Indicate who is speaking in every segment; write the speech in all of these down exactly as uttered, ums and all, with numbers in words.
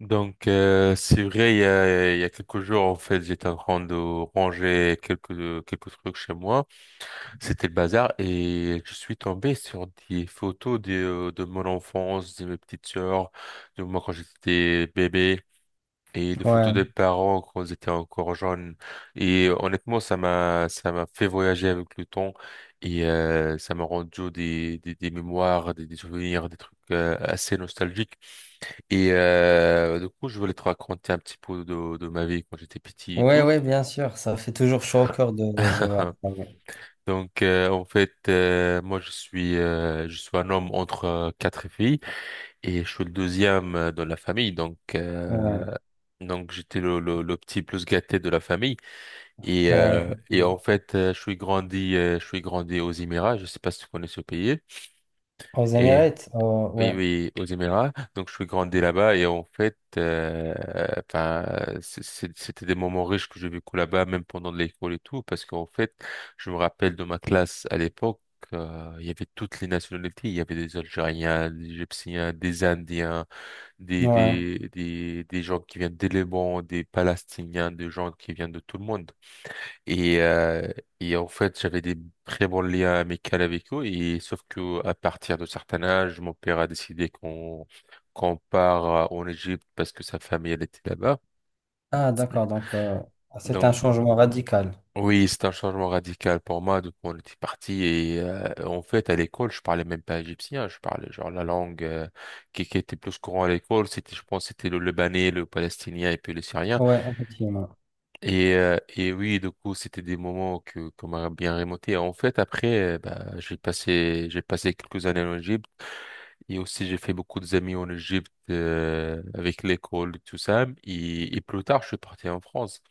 Speaker 1: Donc, euh, c'est vrai, il y a, il y a quelques jours, en fait, j'étais en train de ranger quelques, euh, quelques trucs chez moi. C'était le bazar et je suis tombé sur des photos de, euh, de mon enfance, de mes petites sœurs, de moi quand j'étais bébé et des
Speaker 2: Ouais,
Speaker 1: photos des parents quand ils étaient encore jeunes. Et euh, honnêtement, ça m'a, ça m'a fait voyager avec le temps et euh, ça m'a rendu des, des, des mémoires, des, des souvenirs, des trucs euh, assez nostalgiques. Et euh, du coup, je voulais te raconter un petit peu de, de ma vie quand j'étais petit et
Speaker 2: ouais,
Speaker 1: tout.
Speaker 2: ouais, bien sûr, ça fait toujours chaud au cœur de, de voir ça, Ouais,
Speaker 1: Donc, euh, en fait, euh, moi, je suis, euh, je suis un homme entre euh, quatre filles et je suis le deuxième euh, dans la famille. Donc,
Speaker 2: ouais,
Speaker 1: euh, donc j'étais le, le, le petit plus gâté de la famille. Et,
Speaker 2: ouais,
Speaker 1: euh, et en fait, euh, je suis grandi, euh, je suis grandi aux Émirats. Je sais pas si tu connais ce pays.
Speaker 2: Aux
Speaker 1: Et
Speaker 2: Émirats, euh,
Speaker 1: oui,
Speaker 2: ouais,
Speaker 1: oui, aux Émirats. Donc, je suis grandi là-bas et en fait, euh, enfin, c'est- c'est- c'était des moments riches que j'ai vécu là-bas, même pendant l'école et tout, parce qu'en fait, je me rappelle de ma classe à l'époque, euh, il y avait toutes les nationalités. Il y avait des Algériens, des Égyptiens, des Indiens, des,
Speaker 2: ouais.
Speaker 1: des, des, des gens qui viennent des Liban, des Palestiniens, des gens qui viennent de tout le monde. Et, euh, et en fait, j'avais des très bons liens amicaux avec eux. Et sauf que à partir de certain âge, mon père a décidé qu'on qu'on part euh, en Égypte parce que sa famille elle était là-bas.
Speaker 2: Ah, d'accord, donc euh, c'est un
Speaker 1: Donc
Speaker 2: changement radical.
Speaker 1: oui, c'est un changement radical pour moi. Donc on était parti et euh, en fait à l'école, je parlais même pas égyptien. Je parlais genre la langue euh, qui, qui était plus courant à l'école, c'était je pense c'était le Libanais, le Palestinien et puis le Syrien.
Speaker 2: Ouais, effectivement.
Speaker 1: Et, euh, et oui, du coup, c'était des moments que qu'on m'a bien remonté. En fait, après, euh, bah, j'ai passé j'ai passé quelques années en Égypte et aussi j'ai fait beaucoup d'amis en Égypte euh, avec l'école et tout ça. Et, et plus tard, je suis parti en France.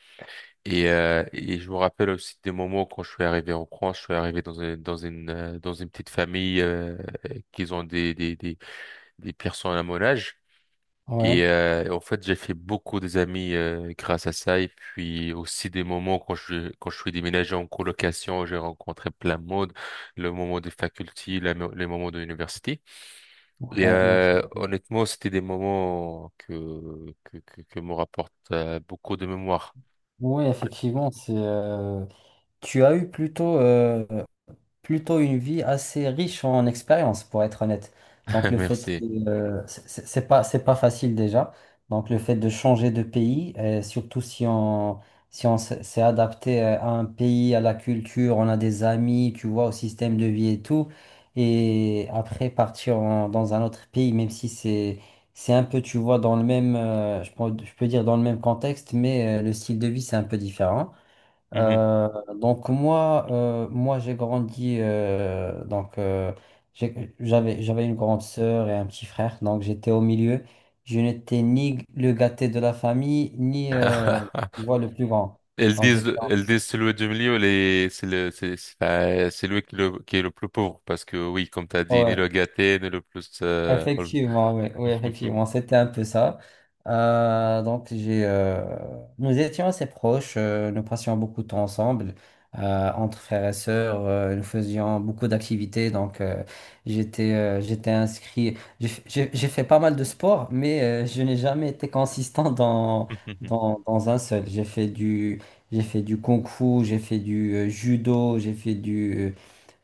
Speaker 1: Et, euh, et je me rappelle aussi des moments quand je suis arrivé en France. Je suis arrivé dans une dans une euh, dans une petite famille euh, qui ont des des des des personnes à mon âge.
Speaker 2: Ouais,
Speaker 1: Et euh, en fait, j'ai fait beaucoup des amis euh, grâce à ça. Et puis aussi des moments quand je quand je suis déménagé en colocation, j'ai rencontré plein de monde. Le moment des facultés, la mo- les moments de l'université. Et
Speaker 2: ouais, donc,
Speaker 1: euh,
Speaker 2: c'est-
Speaker 1: honnêtement, c'était des moments que que que, que me rapportent euh, beaucoup de mémoire.
Speaker 2: ouais, effectivement, c'est. Euh, Tu as eu plutôt euh, plutôt une vie assez riche en expérience, pour être honnête. Donc le fait
Speaker 1: Merci.
Speaker 2: de, euh, c'est c'est- c'est pas, c'est pas facile déjà. Donc le fait de changer de pays, euh, surtout si on, si on s'est s'est adapté euh, à un pays, à la culture, on a des amis, tu vois, au système de vie et tout. Et après partir en- dans un autre pays, même si c'est, c'est un peu, tu vois, dans le même, euh, je peux, je peux dire dans le même contexte, mais euh, le style de vie, c'est un peu différent.
Speaker 1: Mhm.
Speaker 2: Euh, donc moi, euh, moi j'ai grandi, euh, donc euh, j'ai- j'avais j'avais une grande sœur et un petit frère, donc j'étais au milieu. Je n'étais ni le gâté de la famille, ni euh, tu vois, le plus grand.
Speaker 1: Elles
Speaker 2: Donc j'étais,
Speaker 1: disent, elles disent celui du milieu, les, c'est le, c'est, c'est euh, c'est lui qui, le- qui est le plus pauvre parce que oui, comme t'as dit, ni le gâté, ni le plus. euh,
Speaker 2: Effectivement, oui, oui, effectivement, c'était un peu ça. Euh, donc, j'ai, euh, nous étions assez proches, euh, nous passions beaucoup de temps ensemble, euh, entre frères et sœurs, euh, nous faisions beaucoup d'activités. Donc, euh, j'étais, euh, j'étais inscrit, j'ai f- j'ai- j'ai fait pas mal de sport, mais euh, je n'ai jamais été consistant dans,
Speaker 1: Mhm,
Speaker 2: dans, dans un seul. J'ai fait du, j'ai fait du kung-fu, j'ai fait du euh, judo, j'ai fait du euh,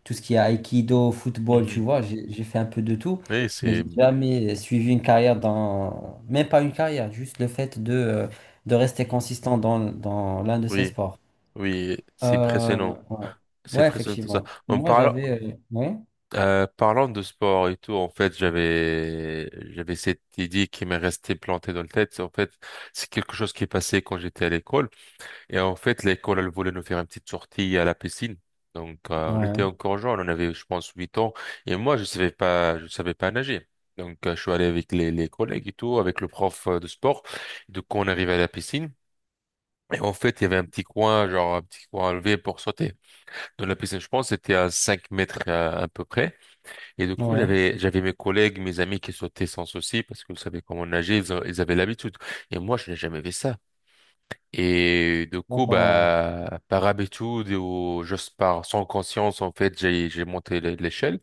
Speaker 2: tout ce qui est aïkido, football, tu
Speaker 1: mhm.
Speaker 2: vois, j'ai j'ai fait un peu de tout,
Speaker 1: Oui,
Speaker 2: mais
Speaker 1: c'est
Speaker 2: j'ai jamais suivi une carrière dans, même pas une carrière, juste le fait de, euh, de rester consistant dans, dans l'un de ces
Speaker 1: oui,
Speaker 2: sports.
Speaker 1: oui, c'est
Speaker 2: Euh,
Speaker 1: impressionnant,
Speaker 2: ouais.
Speaker 1: c'est
Speaker 2: Ouais,
Speaker 1: impressionnant tout ça.
Speaker 2: effectivement.
Speaker 1: En
Speaker 2: Moi,
Speaker 1: parlant,
Speaker 2: j'avais. Euh, Ouais,
Speaker 1: euh, parlant de sport et tout, en fait, j'avais j'avais cette idée qui m'est restée plantée dans le tête. C'est- En fait, c'est quelque chose qui est passé quand j'étais à l'école. Et en fait, l'école, elle voulait nous faire une petite sortie à la piscine. Donc, euh, on était
Speaker 2: ouais,
Speaker 1: encore jeunes, on avait, je pense, huit ans. Et moi, je savais pas, je savais pas nager. Donc, euh, je suis allé avec les, les collègues et tout, avec le prof euh, de sport. Donc, on arrive à la piscine. Et en fait, il y avait un petit coin, genre un petit coin à lever pour sauter dans la piscine. Je pense que c'était à cinq mètres à, à peu près. Et du coup,
Speaker 2: ouais.
Speaker 1: j'avais j'avais mes collègues, mes amis qui sautaient sans souci parce qu'ils savaient comment nager, ils, ont- ils avaient l'habitude. Et moi, je n'ai jamais fait ça. Et du coup,
Speaker 2: D'accord.
Speaker 1: bah par habitude ou juste par sans conscience, en fait, j'ai j'ai monté l'é- l'échelle.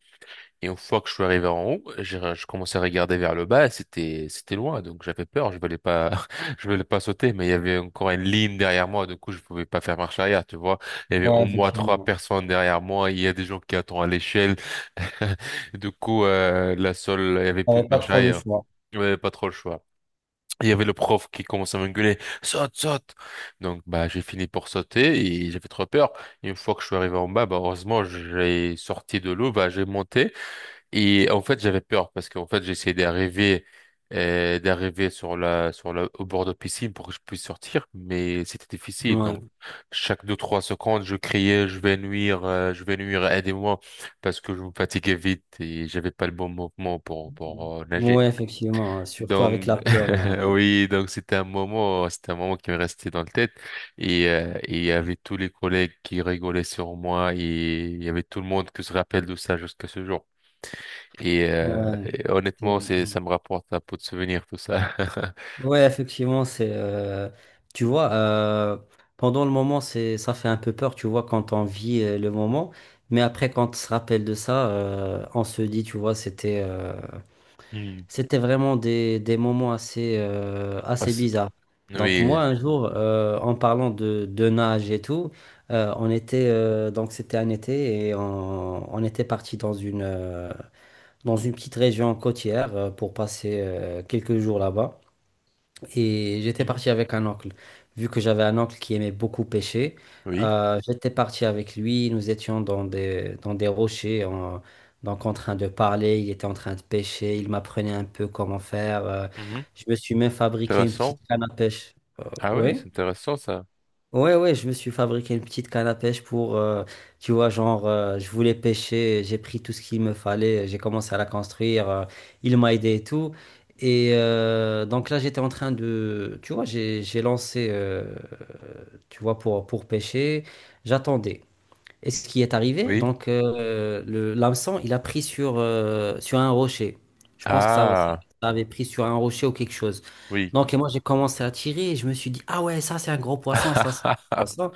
Speaker 1: Et une fois que je suis arrivé en haut, j'ai, je commençais à regarder vers le bas et c'était, c'était loin. Donc j'avais peur, je voulais pas, je voulais pas sauter, mais il y avait encore une ligne derrière moi. Du coup, je pouvais pas faire marche arrière, tu vois. Il y avait
Speaker 2: Ouais,
Speaker 1: au moins trois
Speaker 2: effectivement.
Speaker 1: personnes derrière moi. Il y a des gens qui attendent à l'échelle. Du coup, euh, la seule, il y avait plus de
Speaker 2: J'avais pas
Speaker 1: marche
Speaker 2: trop le
Speaker 1: arrière.
Speaker 2: choix.
Speaker 1: Il y avait pas trop le choix. Il y avait le prof qui commençait à m'engueuler, saute, saute. Donc, bah, j'ai fini pour sauter et j'avais trop peur. Une fois que je suis arrivé en bas, bah, heureusement, j'ai sorti de l'eau, bah, j'ai monté. Et en fait, j'avais peur parce qu'en fait, j'essayais d'arriver euh, d'arriver sur la sur la au bord de piscine pour que je puisse sortir, mais c'était difficile.
Speaker 2: Ouais.
Speaker 1: Donc, chaque deux trois secondes, je criais, je vais nuire, euh, je vais nuire, aidez-moi, parce que je me fatiguais vite et j'avais pas le bon mouvement pour pour euh, nager.
Speaker 2: Ouais, effectivement. Surtout avec la
Speaker 1: Donc
Speaker 2: peur, hein.
Speaker 1: oui, donc c'était un moment, c'était un moment qui me restait dans la tête et euh, et il y avait tous les collègues qui rigolaient sur moi et il y avait tout le monde qui se rappelle de ça jusqu'à ce jour. Et, euh,
Speaker 2: Ouais.
Speaker 1: et
Speaker 2: Ouais.
Speaker 1: honnêtement, c'est, ça me rapporte un pot de souvenirs, tout ça.
Speaker 2: Ouais, effectivement, c'est euh, tu vois, euh, pendant le moment c'est ça fait un peu peur, tu vois quand on vit euh, le moment, mais après quand on se rappelle de ça, euh, on se dit tu vois c'était euh,
Speaker 1: Mhm.
Speaker 2: c'était vraiment des, des moments assez euh,
Speaker 1: Ah,
Speaker 2: assez
Speaker 1: c'est-
Speaker 2: bizarres. Donc
Speaker 1: oui.
Speaker 2: moi un jour euh, en parlant de, de nage et tout, euh, on était euh, donc c'était un été et on, on était parti dans une euh, dans une petite région côtière euh, pour passer euh, quelques jours là-bas. Et j'étais
Speaker 1: Mhm.
Speaker 2: parti avec un oncle. Vu que j'avais un oncle qui aimait beaucoup pêcher,
Speaker 1: Oui.
Speaker 2: euh, j'étais parti avec lui. Nous étions dans des, dans des rochers, en- donc en train de parler. Il était en train de pêcher. Il m'apprenait un peu comment faire. euh.
Speaker 1: Mhm.
Speaker 2: Je me suis même fabriqué une petite
Speaker 1: Intéressant.
Speaker 2: canne à pêche.
Speaker 1: Ah ouais,
Speaker 2: Oui.
Speaker 1: c'est intéressant ça.
Speaker 2: Ouais, ouais, je me suis fabriqué une petite canne à pêche pour, euh, tu vois, genre, euh, je voulais pêcher, j'ai pris tout ce qu'il me fallait, j'ai commencé à la construire, euh, il m'a aidé et tout. Et euh, donc là, j'étais en train de, tu vois, j'ai j'ai lancé, euh, tu vois, pour, pour pêcher, j'attendais. Et ce qui est arrivé,
Speaker 1: Oui.
Speaker 2: donc euh, le l'hameçon, il a pris sur, euh, sur un rocher. Je pense que ça,
Speaker 1: Ah,
Speaker 2: ça avait pris sur un rocher ou quelque chose.
Speaker 1: oui.
Speaker 2: Donc et moi, j'ai commencé à tirer et je me suis dit, ah ouais, ça c'est un gros poisson, ça c'est un gros poisson.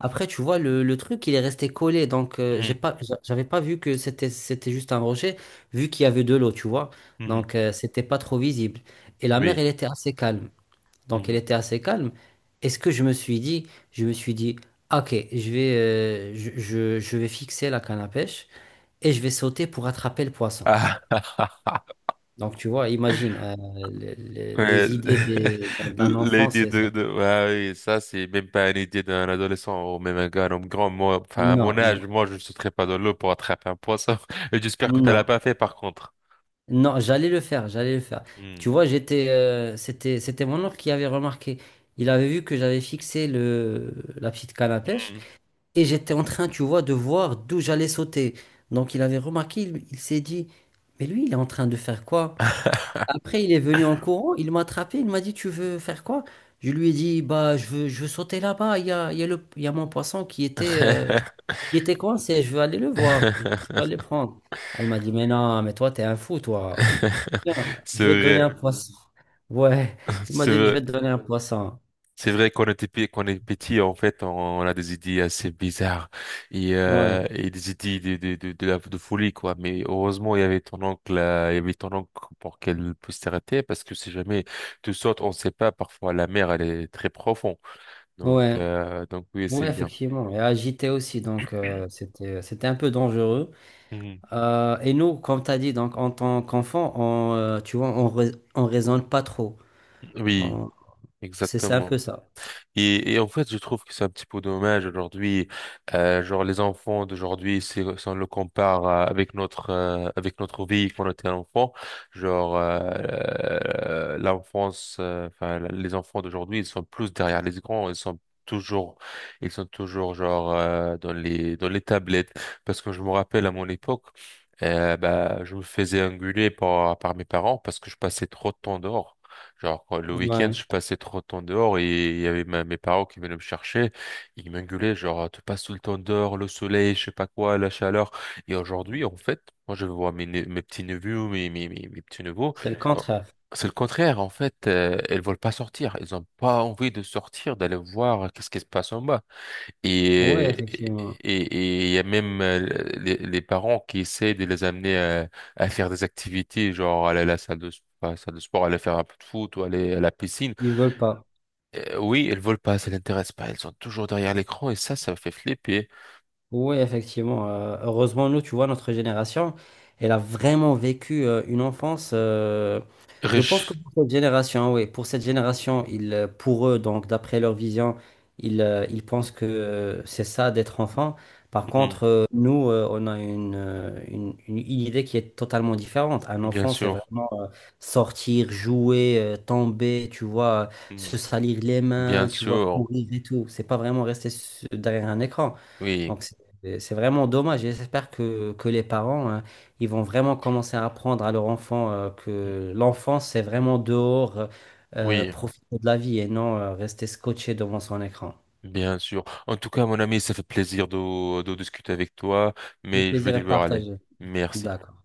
Speaker 2: Après, tu vois, le, le truc, il est resté collé. Donc euh, j'ai
Speaker 1: Mhm.
Speaker 2: pas, j'a- j'avais pas vu que c'était, c'était juste un rocher, vu qu'il y avait de l'eau, tu vois.
Speaker 1: Mhm.
Speaker 2: Donc euh, c'était pas trop visible. Et la mer,
Speaker 1: Oui.
Speaker 2: elle était assez calme, donc elle
Speaker 1: Mhm.
Speaker 2: était assez calme. Est-ce que Je me suis dit, je me suis dit, ok, je vais, euh, je, je- je vais fixer la canne à pêche et je vais sauter pour attraper le poisson.
Speaker 1: Ah,
Speaker 2: Donc tu vois, imagine, euh, le- le-
Speaker 1: ouais.
Speaker 2: les idées des- d'un d'un enfant,
Speaker 1: L'idée
Speaker 2: c'est
Speaker 1: de,
Speaker 2: ça.
Speaker 1: de ah oui, ça, c'est même pas une idée d'un adolescent ou même un gars, un homme grand. Moi, enfin,
Speaker 2: Non,
Speaker 1: à mon
Speaker 2: non,
Speaker 1: âge, moi, je ne sauterais pas dans l'eau pour attraper un poisson. Et j'espère que tu l'as
Speaker 2: non,
Speaker 1: pas fait, par contre.
Speaker 2: non, j'allais le faire, j'allais le faire. Tu
Speaker 1: Mhm.
Speaker 2: vois, j'étais, euh, c'était, c'était mon oncle qui avait remarqué. Il avait vu que j'avais fixé le, la petite canne à pêche.
Speaker 1: Mhm.
Speaker 2: Et j'étais en train, tu vois, de voir d'où j'allais sauter. Donc il avait remarqué, il, il s'est dit, mais lui, il est en train de faire quoi? Après, il est venu en courant, il m'a attrapé, il m'a dit, tu veux faire quoi? Je lui ai dit, bah, je veux, je veux sauter là-bas, il y a, il y a le, il y a mon poisson qui était, euh, qui était coincé, je veux aller le voir, je veux aller le prendre. Elle m'a dit, mais non, mais toi, t'es un fou, toi. Tiens,
Speaker 1: C'est
Speaker 2: je vais te donner un
Speaker 1: vrai,
Speaker 2: poisson. Ouais, il m'a
Speaker 1: c'est
Speaker 2: dit, je vais
Speaker 1: vrai.
Speaker 2: te donner un poisson.
Speaker 1: C'est vrai qu'on était pe- qu'on est petit, en fait, on a des idées assez bizarres et,
Speaker 2: Ouais,
Speaker 1: euh, et des idées de, de, de, de, la- de folie, quoi. Mais heureusement, il y avait ton oncle, euh, il y avait ton oncle pour qu'elle puisse t'arrêter parce que si jamais tu sautes, on ne sait pas, parfois la mer, elle est très profonde. Donc,
Speaker 2: ouais.
Speaker 1: euh, donc oui, c'est
Speaker 2: Oui,
Speaker 1: bien.
Speaker 2: effectivement, et agité aussi, donc euh, c'était c'était un peu dangereux.
Speaker 1: Mhm.
Speaker 2: Euh, et nous, comme tu as dit, donc en tant qu'enfant, on, euh, tu vois, on, rais- on raisonne pas trop.
Speaker 1: Oui,
Speaker 2: On- C'est c'est un
Speaker 1: exactement.
Speaker 2: peu ça.
Speaker 1: Et, et en fait, je trouve que c'est un petit peu dommage aujourd'hui. Euh, genre, les enfants d'aujourd'hui, si, si on le compare euh, avec notre euh, avec notre vie quand on était enfant, genre euh, l'enfance, euh, enfin les enfants d'aujourd'hui, ils sont plus derrière les écrans, ils sont toujours, ils sont toujours genre euh, dans les dans les tablettes. Parce que je me rappelle à mon époque, euh, bah, je me faisais engueuler par par mes parents parce que je passais trop de temps dehors. Genre, quand- le week-end,
Speaker 2: Ouais,
Speaker 1: je passais trop de temps dehors et il y avait ma- mes parents qui venaient me chercher. Ils m'engueulaient, genre, «Ah, tu passes tout le temps dehors, le soleil, je sais pas quoi, la chaleur. Et aujourd'hui, en fait, moi, je vois mes, ne- mes petits-neveux, mes, mes, mes, mes petits-neveux.
Speaker 2: c'est le
Speaker 1: Oh,
Speaker 2: contraire.
Speaker 1: c'est le contraire, en fait, euh, elles veulent pas sortir. Elles ont pas envie de sortir, d'aller voir qu'est-ce qui se passe en bas.
Speaker 2: Oui,
Speaker 1: Et
Speaker 2: effectivement,
Speaker 1: et et il y a même euh, les, les parents qui essaient de les amener à, à faire des activités, genre aller à la salle de, pas à la salle de sport, aller faire un peu de foot ou aller à la piscine.
Speaker 2: ils veulent pas.
Speaker 1: Euh, oui, elles veulent pas, ça l'intéresse pas. Elles sont toujours derrière l'écran et ça, ça me fait flipper.
Speaker 2: Oui, effectivement. Euh, heureusement, nous, tu vois, notre génération, elle a vraiment vécu euh, une enfance. euh, Je pense que
Speaker 1: Riche.
Speaker 2: pour cette génération, oui, pour cette génération, ils, euh, pour eux, donc d'après leur vision, ils, euh, ils pensent que euh, c'est ça d'être enfant. Par
Speaker 1: Mhm.
Speaker 2: contre, euh, nous, euh, on a une, euh, une, une- une idée qui est totalement différente. Un
Speaker 1: Bien
Speaker 2: enfant, c'est
Speaker 1: sûr.
Speaker 2: vraiment euh, sortir, jouer, euh, tomber, tu vois, se
Speaker 1: Mhm.
Speaker 2: salir les
Speaker 1: Bien
Speaker 2: mains, tu vois,
Speaker 1: sûr.
Speaker 2: courir et tout. C'est pas vraiment rester s- derrière un écran.
Speaker 1: Oui.
Speaker 2: Donc, et c'est vraiment dommage, et j'espère que, que les parents, hein, ils vont vraiment commencer à apprendre à leur enfant euh,
Speaker 1: Mhm.
Speaker 2: que l'enfance, c'est vraiment dehors, euh, euh,
Speaker 1: Oui.
Speaker 2: profiter de la vie et non euh, rester scotché devant son écran.
Speaker 1: Bien sûr. En tout cas, mon ami, ça fait plaisir de, de discuter avec toi,
Speaker 2: Le
Speaker 1: mais je vais
Speaker 2: plaisir est
Speaker 1: devoir aller.
Speaker 2: partagé.
Speaker 1: Merci.
Speaker 2: D'accord.